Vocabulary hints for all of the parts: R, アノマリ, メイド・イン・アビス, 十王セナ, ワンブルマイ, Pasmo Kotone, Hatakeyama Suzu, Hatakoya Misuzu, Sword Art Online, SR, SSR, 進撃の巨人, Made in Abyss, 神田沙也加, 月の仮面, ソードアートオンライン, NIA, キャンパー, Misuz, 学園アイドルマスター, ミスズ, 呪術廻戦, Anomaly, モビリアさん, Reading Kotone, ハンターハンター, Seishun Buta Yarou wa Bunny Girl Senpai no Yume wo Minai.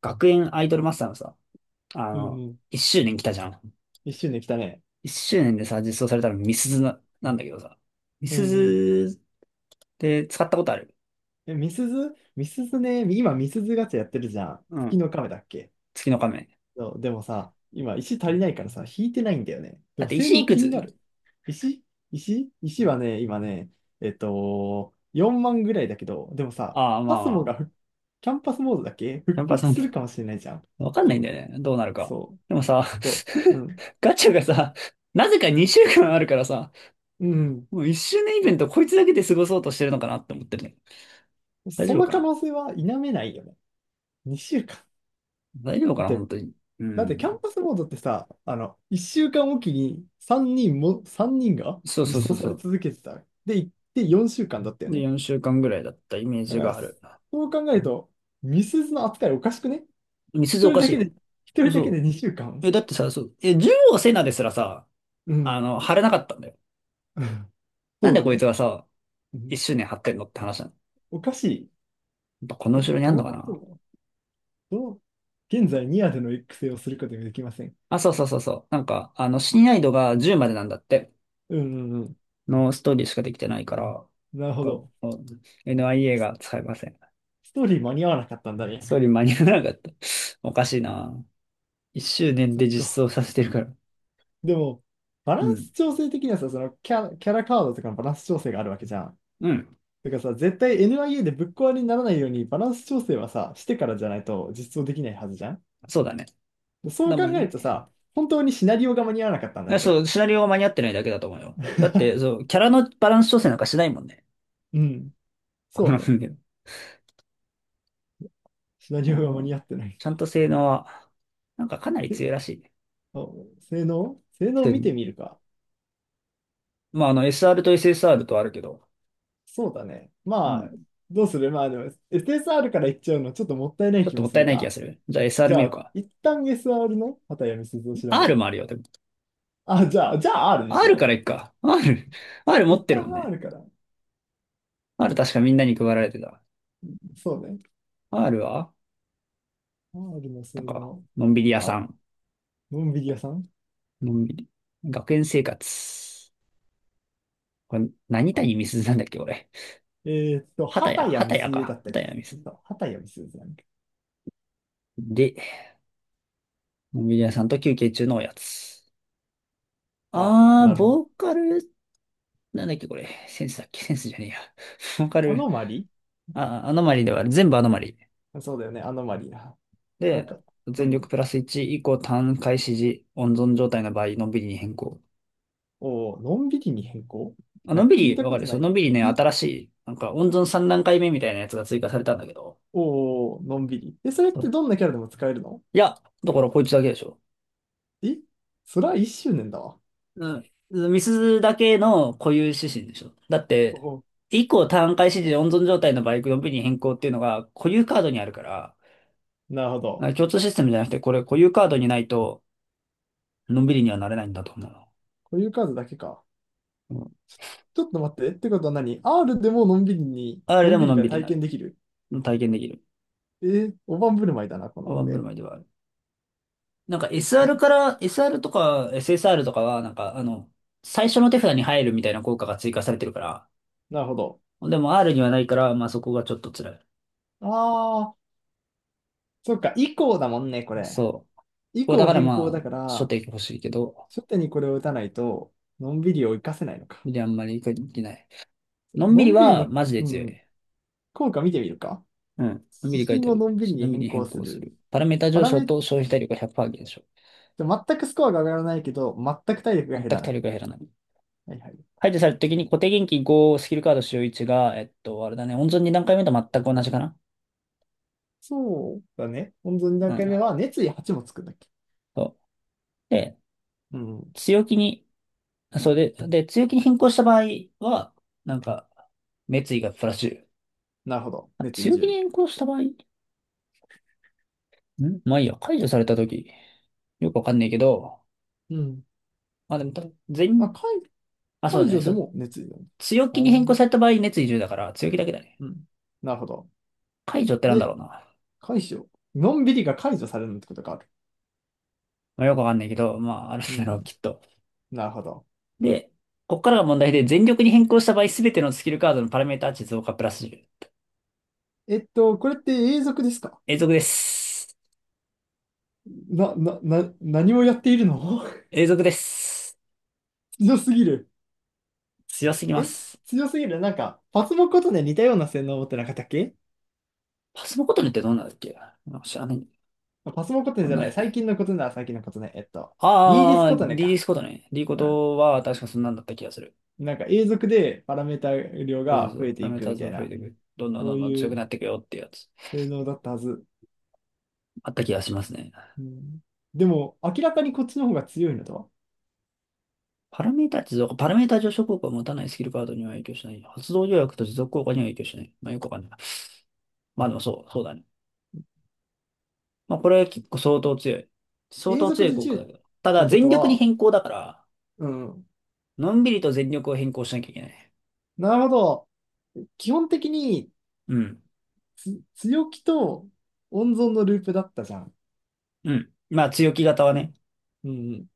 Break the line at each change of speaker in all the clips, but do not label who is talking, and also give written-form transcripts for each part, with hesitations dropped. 学園アイドルマスターのさ、
うんうん。
一周年来たじゃん。
一周年来たね。
一周年でさ、実装されたのミスズな、なんだけどさ。ミ
うんう
ス
ん。
ズって使ったことある？
え、みすずね、今みすずガチャやってるじゃん。
う
月
ん。
の亀だっけ？
月の仮面。
そう、でもさ、今石足りないからさ、引いてないんだよね。で
だっ
も
て
性
石い
能
く
気にな
つ？
る。石石はね、今ね、4万ぐらいだけど、でもさ、
ああ、ま
パ
あ
ス
ま
モが
あ。
ふキャンパスモードだっけ、
キャ
復
ンパー
刻
さん、
するかもしれないじゃん。
わかんないんだよね。どうなるか。
そう。
でもさ、
ちょっと、うん。
ガチャがさ、なぜか2週間あるからさ、
う
もう1周年イベントこいつだけで過ごそうとしてるのかなって思ってるね。
ん。
大
そ
丈夫
の
か
可
な？
能性は否めないよね。2週間。
大丈夫か
だっ
な
て
本当に。う
だってキャ
ん。
ンパスボードってさ、1週間おきに3人も、3人が
そうそう
実
そ
装
う
さ
そ
れ
う。
続けてた。で、行って4週間だったよ
で、
ね。
4週間ぐらいだったイメー
だ
ジ
か
が
ら、
あ
そ
る。
う考えると、ミスズの扱いおかしくね？
みすず
一
お
人
か
だ
しい
けで、
よ。
一人だけで
嘘。
2週間、うか
え、
ん。
だってさ、そう、え、十王セナですらさ、
うん。
貼れなかったんだよ。な
そ
ん
う
で
だ
こい
ね。
つがさ、
う
一
ん、
周年貼ってんのって話なの。
おかしい。
やっぱこの後ろにあん
ど
の
う
か
なってる
な。
の？どう、現在ニアでの育成をすることができません。
あ、そうそうそうそう。親愛度が10までなんだって。
うんうんうん。
のストーリーしかできてないから、
なるほ
こ
ど。
こ NIA が使えません。
ストーリー間に合わなかったんだ
ストー
ね。
リー間に合わなかった。おかしいな。一周年
そっ
で実装
か。
させてるから。
でも、バラ
う
ン
ん。
ス調整的にはさ、キャラカードとかのバランス調整があるわけじゃん。
うん。
だからさ、絶対 NIA でぶっ壊れにならないようにバランス調整はさ、してからじゃないと実装できないはずじゃん。
そうだね。
そ
名
う考
前
えるとさ、本当にシナリオが間に合わなかったんだね、こ
そ
れ。
う、シナリオが間に合ってないだけだと思うよ。だって、そ う、キャラのバランス調整なんかしないもんね。
うん。
こ
そう
の
ね。
分野。
シナ
う
リオが
ん
間
う
に
ん。
合ってない
ちゃん
か。
と性能は、なんかかなり
え
強いらしいね。
あ性能
そういう
見て
の。
みるか。
まあ、SR と SSR とあるけど、
そうだね。
う
まあ、
ん。
どうする？まあでも、SSR からいっちゃうのちょっともったいない
ちょっ
気
と
も
もっ
す
たい
る
ない気が
か。
する。じゃあ
じ
SR 見
ゃ
る
あ、
か。
一旦 SR の畑山鈴を調べ
R
る。
もあるよ、でも。
あ、じゃあ R でし
R か
ょ
らいっか。R、R
う。
持っ
一
てるも
旦
んね。
R から。
R 確かみんなに配られてた。
そうね。
R は、
R の
な
性
んか、
能。
のんびり屋
あ
さ
ら、
ん。
のんびり屋さん？
のんびり。学園生活。これ、何谷みすずなんだっけ、俺。
え
畑谷、
畑谷美
畑谷
鈴だ
か。
った気
畑
が
谷
す
み
る。
すず。
そう、畑谷美鈴なんだ。
で、モビリ
う
アさ
ん。
んと休憩中のおやつ。
ああ、なるほ
ボ
ど。
ーカル、なんだっけこれ。センスだっけ。 センスじゃねえや。ボーカ
ア
ル、
ノマリ、
あ、アノマリではある、全部アノマリ。
そうだよね、アノマリな。なん
で、
か、う
全
ん。
力プラス1以降単回指示、温存状態の場合、のんびりに変更。
おお、のんびりに変更？
あ、
な
の
ん
ん
か
び
聞い
り、
た
わ
こ
かる、
とな
そ
い。
のんびりね、
き、
新しい、なんか温存3段階目みたいなやつが追加されたんだけど。
おお、のんびり。え、それっ
そ
て
う
どんなキャラでも使えるの？
いや、だからこいつだけでしょ。
えそれは一周年だわ。
うん。ミスだけの固有指針でしょ。だっ
お
て、
お、
以降単回指示温存状態のバイク 4V に変更っていうのが固有カードにあるから、
なるほど。
あ、共通システムじゃなくて、これ固有カードにないと、のんびりにはなれないんだと思うの。
固有数だけか。
うん。
ちょっと待って。ってことは何？ R でものんびりに、
あれ
の
で
んび
も
り
のん
が
びりに
体
なる。
験できる？
体験できる。
えー、大盤振る舞いだな、この
ワンブル
上。
マイではある。なんか SR から、SR とか SSR とかは、最初の手札に入るみたいな効果が追加されてるから、
なるほど。
でも R にはないから、まあそこがちょっと辛い。
ああ、そっか。以降だもんね、これ。
そう。
以
こうだ
降
から
変
ま
更だ
あ、
か
初
ら、
手欲しいけど、
初手にこれを打たないと、のんびりを活かせないのか。
で、あんまり書いてない。のんび
の
り
んびり
は、
の、
マジで
う
強い。
ん、効果見てみるか。
うん。のんび
指
り書い
針
てあ
を
る。
のんびり
の
に
んび
変
り
更
変
す
更す
る。
る。パラメータ
パ
上
ラ
昇
メッ
と消費体力が100%減少。
ト、全くスコアが上がらないけど、全く体力が
全
減ら
く
な
体
い。
力が減らない。
はいはい。
排除された時に固定元気5スキルカード使用1が、あれだね、温存2段階目と全く同じかな。
そうだね。本当に2
う
段階目
ん。
は熱意8もつくんだっけ。
そう。で、
うん。
強気に、それで、で、強気に変更した場合は、なんか、滅意がプラスじゅう、
なるほど。
あ、
熱意
強
自
気に
由。
変更した場合ん、まあいいや、解除された時よくわかんないけど、
うん。
まあでも多分全
あ、
員、あ、そう
解
だね。
除で
そ、
も熱意だね。
強
あ
気に変更
ー、
された場合、熱意10だから、強気だけだね。
うん。なるほど。
解除ってなんだ
で、
ろうな。ま
解除。のんびりが解除されるってことがある。
あ、よくわかんないけど、まあ、あるん
う
だろう、
ん。
きっと。
なるほど。
で、こっからが問題で、全力に変更した場合、すべてのスキルカードのパラメータ値増加プラス10。
これって永続ですか？
永続です。
な、な、な、何をやっているの？
永続です。
強すぎる。
強すぎま
え
す。
強すぎる。なんか、パスモコトネ似たような性能を持ってなかったっけ？
パスのことねってどんなんだっけ？なんか知らない。
パスモコトネ
どん
じゃ
なん
な
だ
い。
っけ？
最近のことね。リーディス
あ
コト
ー、
ネ
リリー
か。
スことね。リこ
うん。
とは、確かそんなんだった気がする。
なんか永続でパラメータ量
そうそう
が
そ
増え
う。
て
パラ
い
メー
く
タ
みた
増
い
え
な、
ていく。どんどん
そ
ど
う
んどん
い
強く
う
なっていくよってやつ。
性能だったはず。
あった気がしますね。
うん、でも、明らかにこっちの方が強いのとは。
パラメータ持続、パラメータ上昇効果を持たないスキルカードには影響しない。発動条約と持続効果には影響しない。まあよくわかんない。まあでもそう、そうだね。まあこれは結構相当強い。相
永
当
続
強い
で
効果
10
だ
っ
けど。た
て
だ
こ
全
と
力に
は、
変更だから、
うん。
のんびりと全力を変更しなきゃいけない。
なるほど。基本的に
うん。
強気と温存のループだったじゃん。
うん。まあ強気型はね、
うんうん。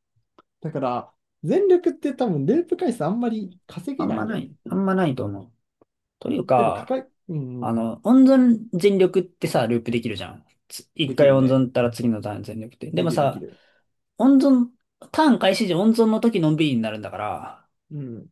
だから、全力って多分ループ回数あんまり稼げ
あん
な
ま
い
な
よね。
い、あんまないと思う。という
でも、かか
か、
い、うんうん。
温存全力ってさ、ループできるじゃん。つ、
で
一
き
回
る
温
ね。
存ったら次のターン全力って。で
で
も
きるでき
さ、
る。
温存、ターン開始時温存の時のんびりになるんだから、
うん。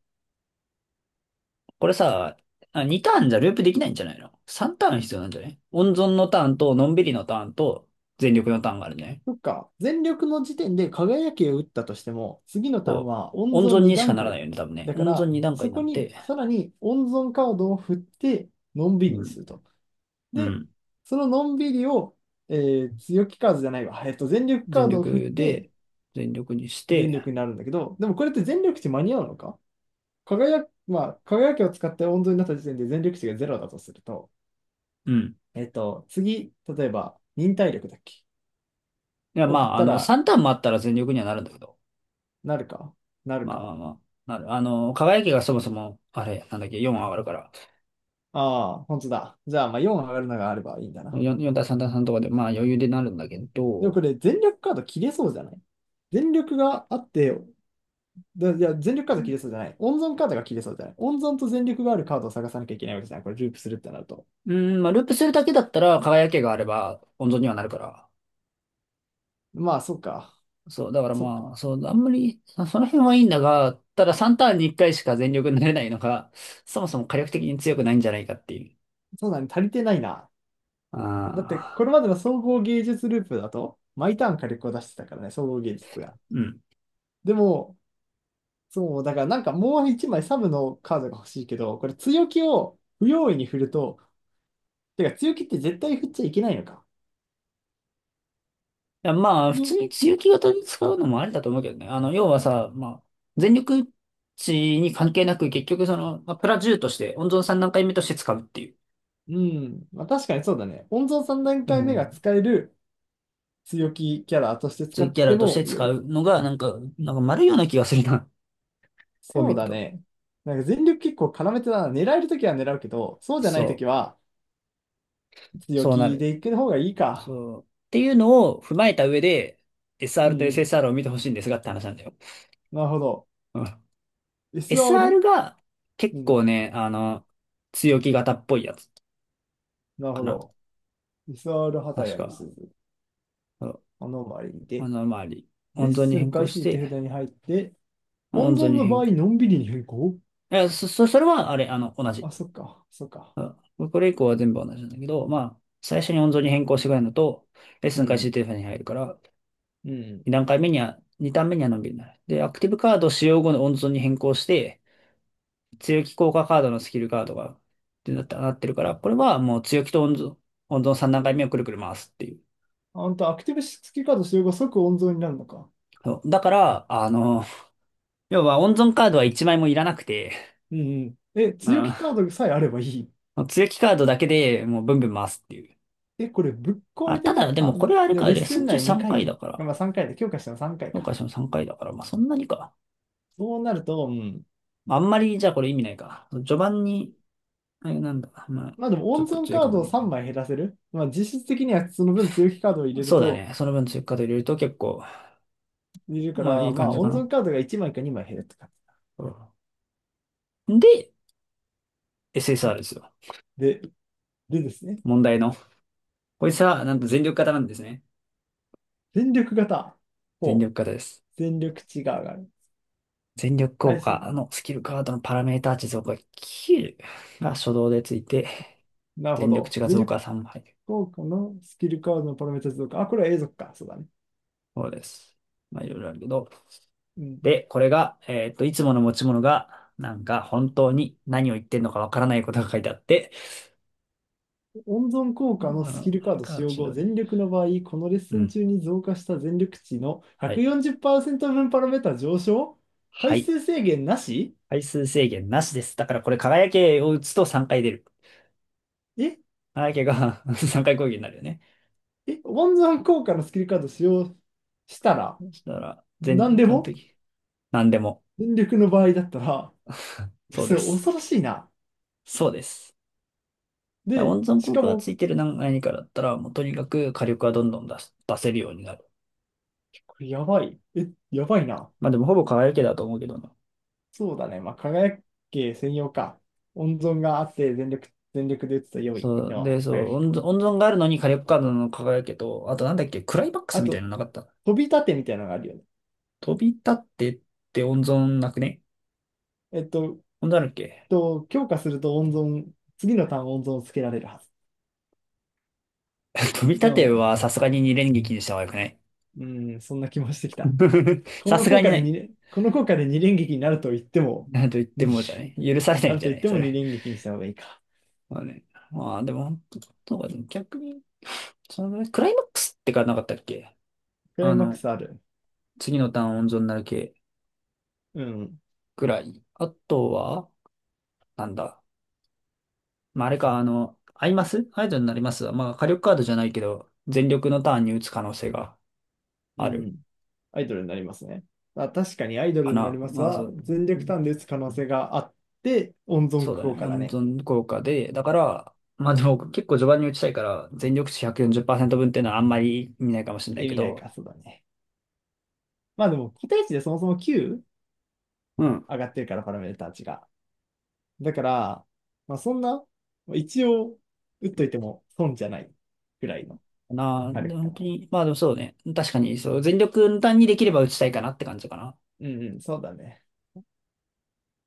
これさ、あ、2ターンじゃループできないんじゃないの？ 3 ターン必要なんじゃない？温存のターンと、のんびりのターンと、全力のターンがあるね。
そっか、全力の時点で輝きを打ったとしても、次のターン
そう。
は温
温存
存2
にしか
段
ならない
階。
よね、多分ね。
だか
温存
ら、
2段階
そ
にな
こ
っ
に
て、
さらに温存カードを振って、のんびり
う
に
ん。
すると。
う
で、
ん。
そののんびりを、え強気カードじゃないわ。全力カ
全
ードを振っ
力
て、
で、全力にし
全
て、
力になるんだけど、でもこれって全力値間に合うのか？輝き、まあ、輝きを使って温存になった時点で全力値がゼロだとすると、
うん。
次、例えば、忍耐力だっけ？
いや、
を
ま
振っ
あ、
たら、
3ターンもあったら全力にはなるんだけど。
なるか？なる
まあま
か？
あまあ。なる。輝きがそもそも、あれ、なんだっけ、4上がるから、
ああ、本当だ。じゃあ、まあ4上がるのがあればいいんだな。
4、4対3対3とかで、まあ余裕でなるんだけ
でも
ど、
これ、全力カード切れそうじゃない？全力があって、いや、全力カード切れそうじゃない。温存カードが切れそうじゃない。温存と全力があるカードを探さなきゃいけないわけじゃない。これ、ループするってなると。
うん、まあ、ループするだけだったら、輝きがあれば、温存にはなるから。
まあ、そっか。
そう、だから
そっ
まあ、
か。
そう、あんまり、そ、その辺はいいんだが、ただ3ターンに1回しか全力になれないのが、そもそも火力的に強くないんじゃないかっていう。
そうだね。足りてないな。だって、これ
ああ、
までの総合芸術ループだと、毎ターン火力を出してたからね、総合芸術が。
うん。い
でも、そう、だからなんかもう一枚サブのカードが欲しいけど、これ強気を不用意に振ると、てか強気って絶対振っちゃいけないのか？
や、まあ、普
ね。
通に強気型に使うのもありだと思うけどね。あの、要はさ、まあ、全力値に関係なく、結局その、まあ、プラ10として、温存3段階目として使うっていう。
うん。まあ確かにそうだね。温存3段
う
階目が
ん。
使える強気キャラとして使
強い
っ
キャラ
て
とし
も
て
良
使
い。
うのが、なんか、なんか丸いような気がするな。こう
そう
見る
だ
と。
ね。なんか全力結構絡めてたな。狙えるときは狙うけど、そうじゃないと
そ
き
う。
は強
そうな
気
る。
で行く方がいいか？
そう。っていうのを踏まえた上で、
う
SR と
んうん。
SSR を見てほしいんですがって話なんだよ。
なるほど。
うん。SR
SR？
が
う
結
ん。
構ね、あの、強気型っぽいやつ
なる
か
ほ
な。
ど。SR 畑
確
やみす
か。
ず。
そう。
アノマリー
あ
で。
の、周り。
レッ
温存に
スン
変更
開
し
始時手
て、
札に入って、温
温存
存
に
の
変
場合、
更。い
のんびりに変更。
や、そ、そ、それは、あれ、あの、同じ。
あ、そっか。そっか。
うん。これ以降は全部同じなんだけど、まあ、最初に温存に変更してくれるのと、レッ
う
スン開始
ん
データに入るから、
うん。うん、
2段階目には、2段目にはのんびりになる。で、アクティブカード使用後の温存に変更して、強気効果カードのスキルカードが、ってなった、なってるから、これはもう強気と温存、温存3段階目をくるくる回すっていう。
あんた、アクティブ付きカード使用後即温存になるのか？
そうだから、あの、要は温存カードは1枚もいらなくて、
うんうん。え、強気
う
カードさえあればいい。
ん、強気カードだけでもうブンブン回すっていう。
え、これぶっ壊
あ、
れて
た
ね？
だ、でも
あ、
こ
で
れはあれ
でも
か、
レッ
レッス
ス
ン
ン
中
内
3
2
回
回、
だか
まあ
ら、
3回で、強化したの3回か
評
い
価
か？
しても3回だから、まあそんなにか。
そうなると、うん。
あんまり、じゃあこれ意味ないか。序盤に、あれなんだ、まあ、
まあでも
ちょ
温
っと
存
強い
カ
か
ー
も
ドを
ね。
3枚減らせる。まあ実質的にはその分強気カードを
そうだね。その分追加で入れると結構、
入れるか
まあい
ら、
い
ま
感
あ
じか
温存
な。
カードが1枚か2枚減るって感
うん。で、SSR ですよ。
じ。ですね。
問題の。こいつは、なんと全力型なんですね。
全力型。
全
ほう。
力型です。
全力値が上がる。
全力効
最
果
新。
のスキルカードのパラメータ値増加9が初動でついて、
なるほ
全力
ど。
値が
全
増
力
加3倍。
効果のスキルカードのパラメータ増加。あ、これは永続か。そうだね。
そうです。まあ、いろいろあるけど。
うん、
で、これが、いつもの持ち物が、なんか本当に何を言ってんのかわからないことが書いてあって、
温存効果の
あ
スキ
の、
ルカード使
が
用
し
後、
の、
全力の場合、このレッ
う
スン
ん。
中に増加した全力値の
はい。
140%分パラメータ上昇。回
はい。
数制限なし？
回数制限なしです。だからこれ輝けを打つと3回出る。
え
輝けが 3回攻撃になるよね。
え、温存効果のスキルカード使用したら、
そしたら、前、
何で
その
も
時、何でも、
全力の場合だったら、
そう
そ
で
れ
す。
恐ろしいな。
そうです。だから
で、
温存
し
効
か
果が
も、
ついてる何、何かだったら、もうとにかく火力はどんどん出す、出せるようになる。
これやばい。え、やばいな。
まあでもほぼ輝けだと思うけどな。
そうだね。まあ、輝け専用か。温存があって、全力で打つと良い
そう、
の
で、
は
そ
輝
う、
き
温
か。
存、温存があるのに火力カードの輝けと、あとなんだっけ、クライマックス
あ
みたい
と、
なのなかった？
飛び立てみたいなのがあるよね？
飛び立ってって温存なくね？
えっと、
温存あるっけ？
強化すると温存、次のターン温存をつけられるはず。
飛び
で
立て
も、
はさすがに二連撃にした方がよくない？
うん、そんな気もしてきた。こ
さ
の
すが
効
に
果
な
で
い。
2、この効果で二連撃になると言っても、
なんと言っ
う
て
ん、
もじゃない、許されな
な
いん
る
じ
と
ゃ
言
な
っ
い
て
そ
も2
れ。
連撃にした方がいいか？
まあね。まあ、でも、本当なんか逆に、そのぐらい、クライマックスってかなかったっけ？
クライ
あ
マック
の、
スある。
次のターン温存になる系
うん、
ぐらい。あとは、なんだ。まあ、あれか、あの、アイマスアイドルになりますわ。まあ、火力カードじゃないけど、全力のターンに打つ可能性が
う
ある
ん、アイドルになりますね。あ、確かにアイド
か
ルにな
な。
ります
まあ、そ
は、
う、
全力ターンで打つ可能性があって、温存
そうだね。
効果だ
温
ね。
存効果で、だから、まあでも結構序盤に打ちたいから、全力値140%分っていうのはあんまり意味ないかもしれない
意
け
味ない
ど、
か、そうだね。まあでも、個体値でそもそも9
うん、
上がってるから、パラメーター値が。だから、まあそんな、まあ一応、打っといても損じゃないぐらいの
なあ、
火
で
力か
本
な。
当に、まあでもそうね。確かに、そう、全力の単にできれば打ちたいかなって感じかな。
うんうん、そうだね。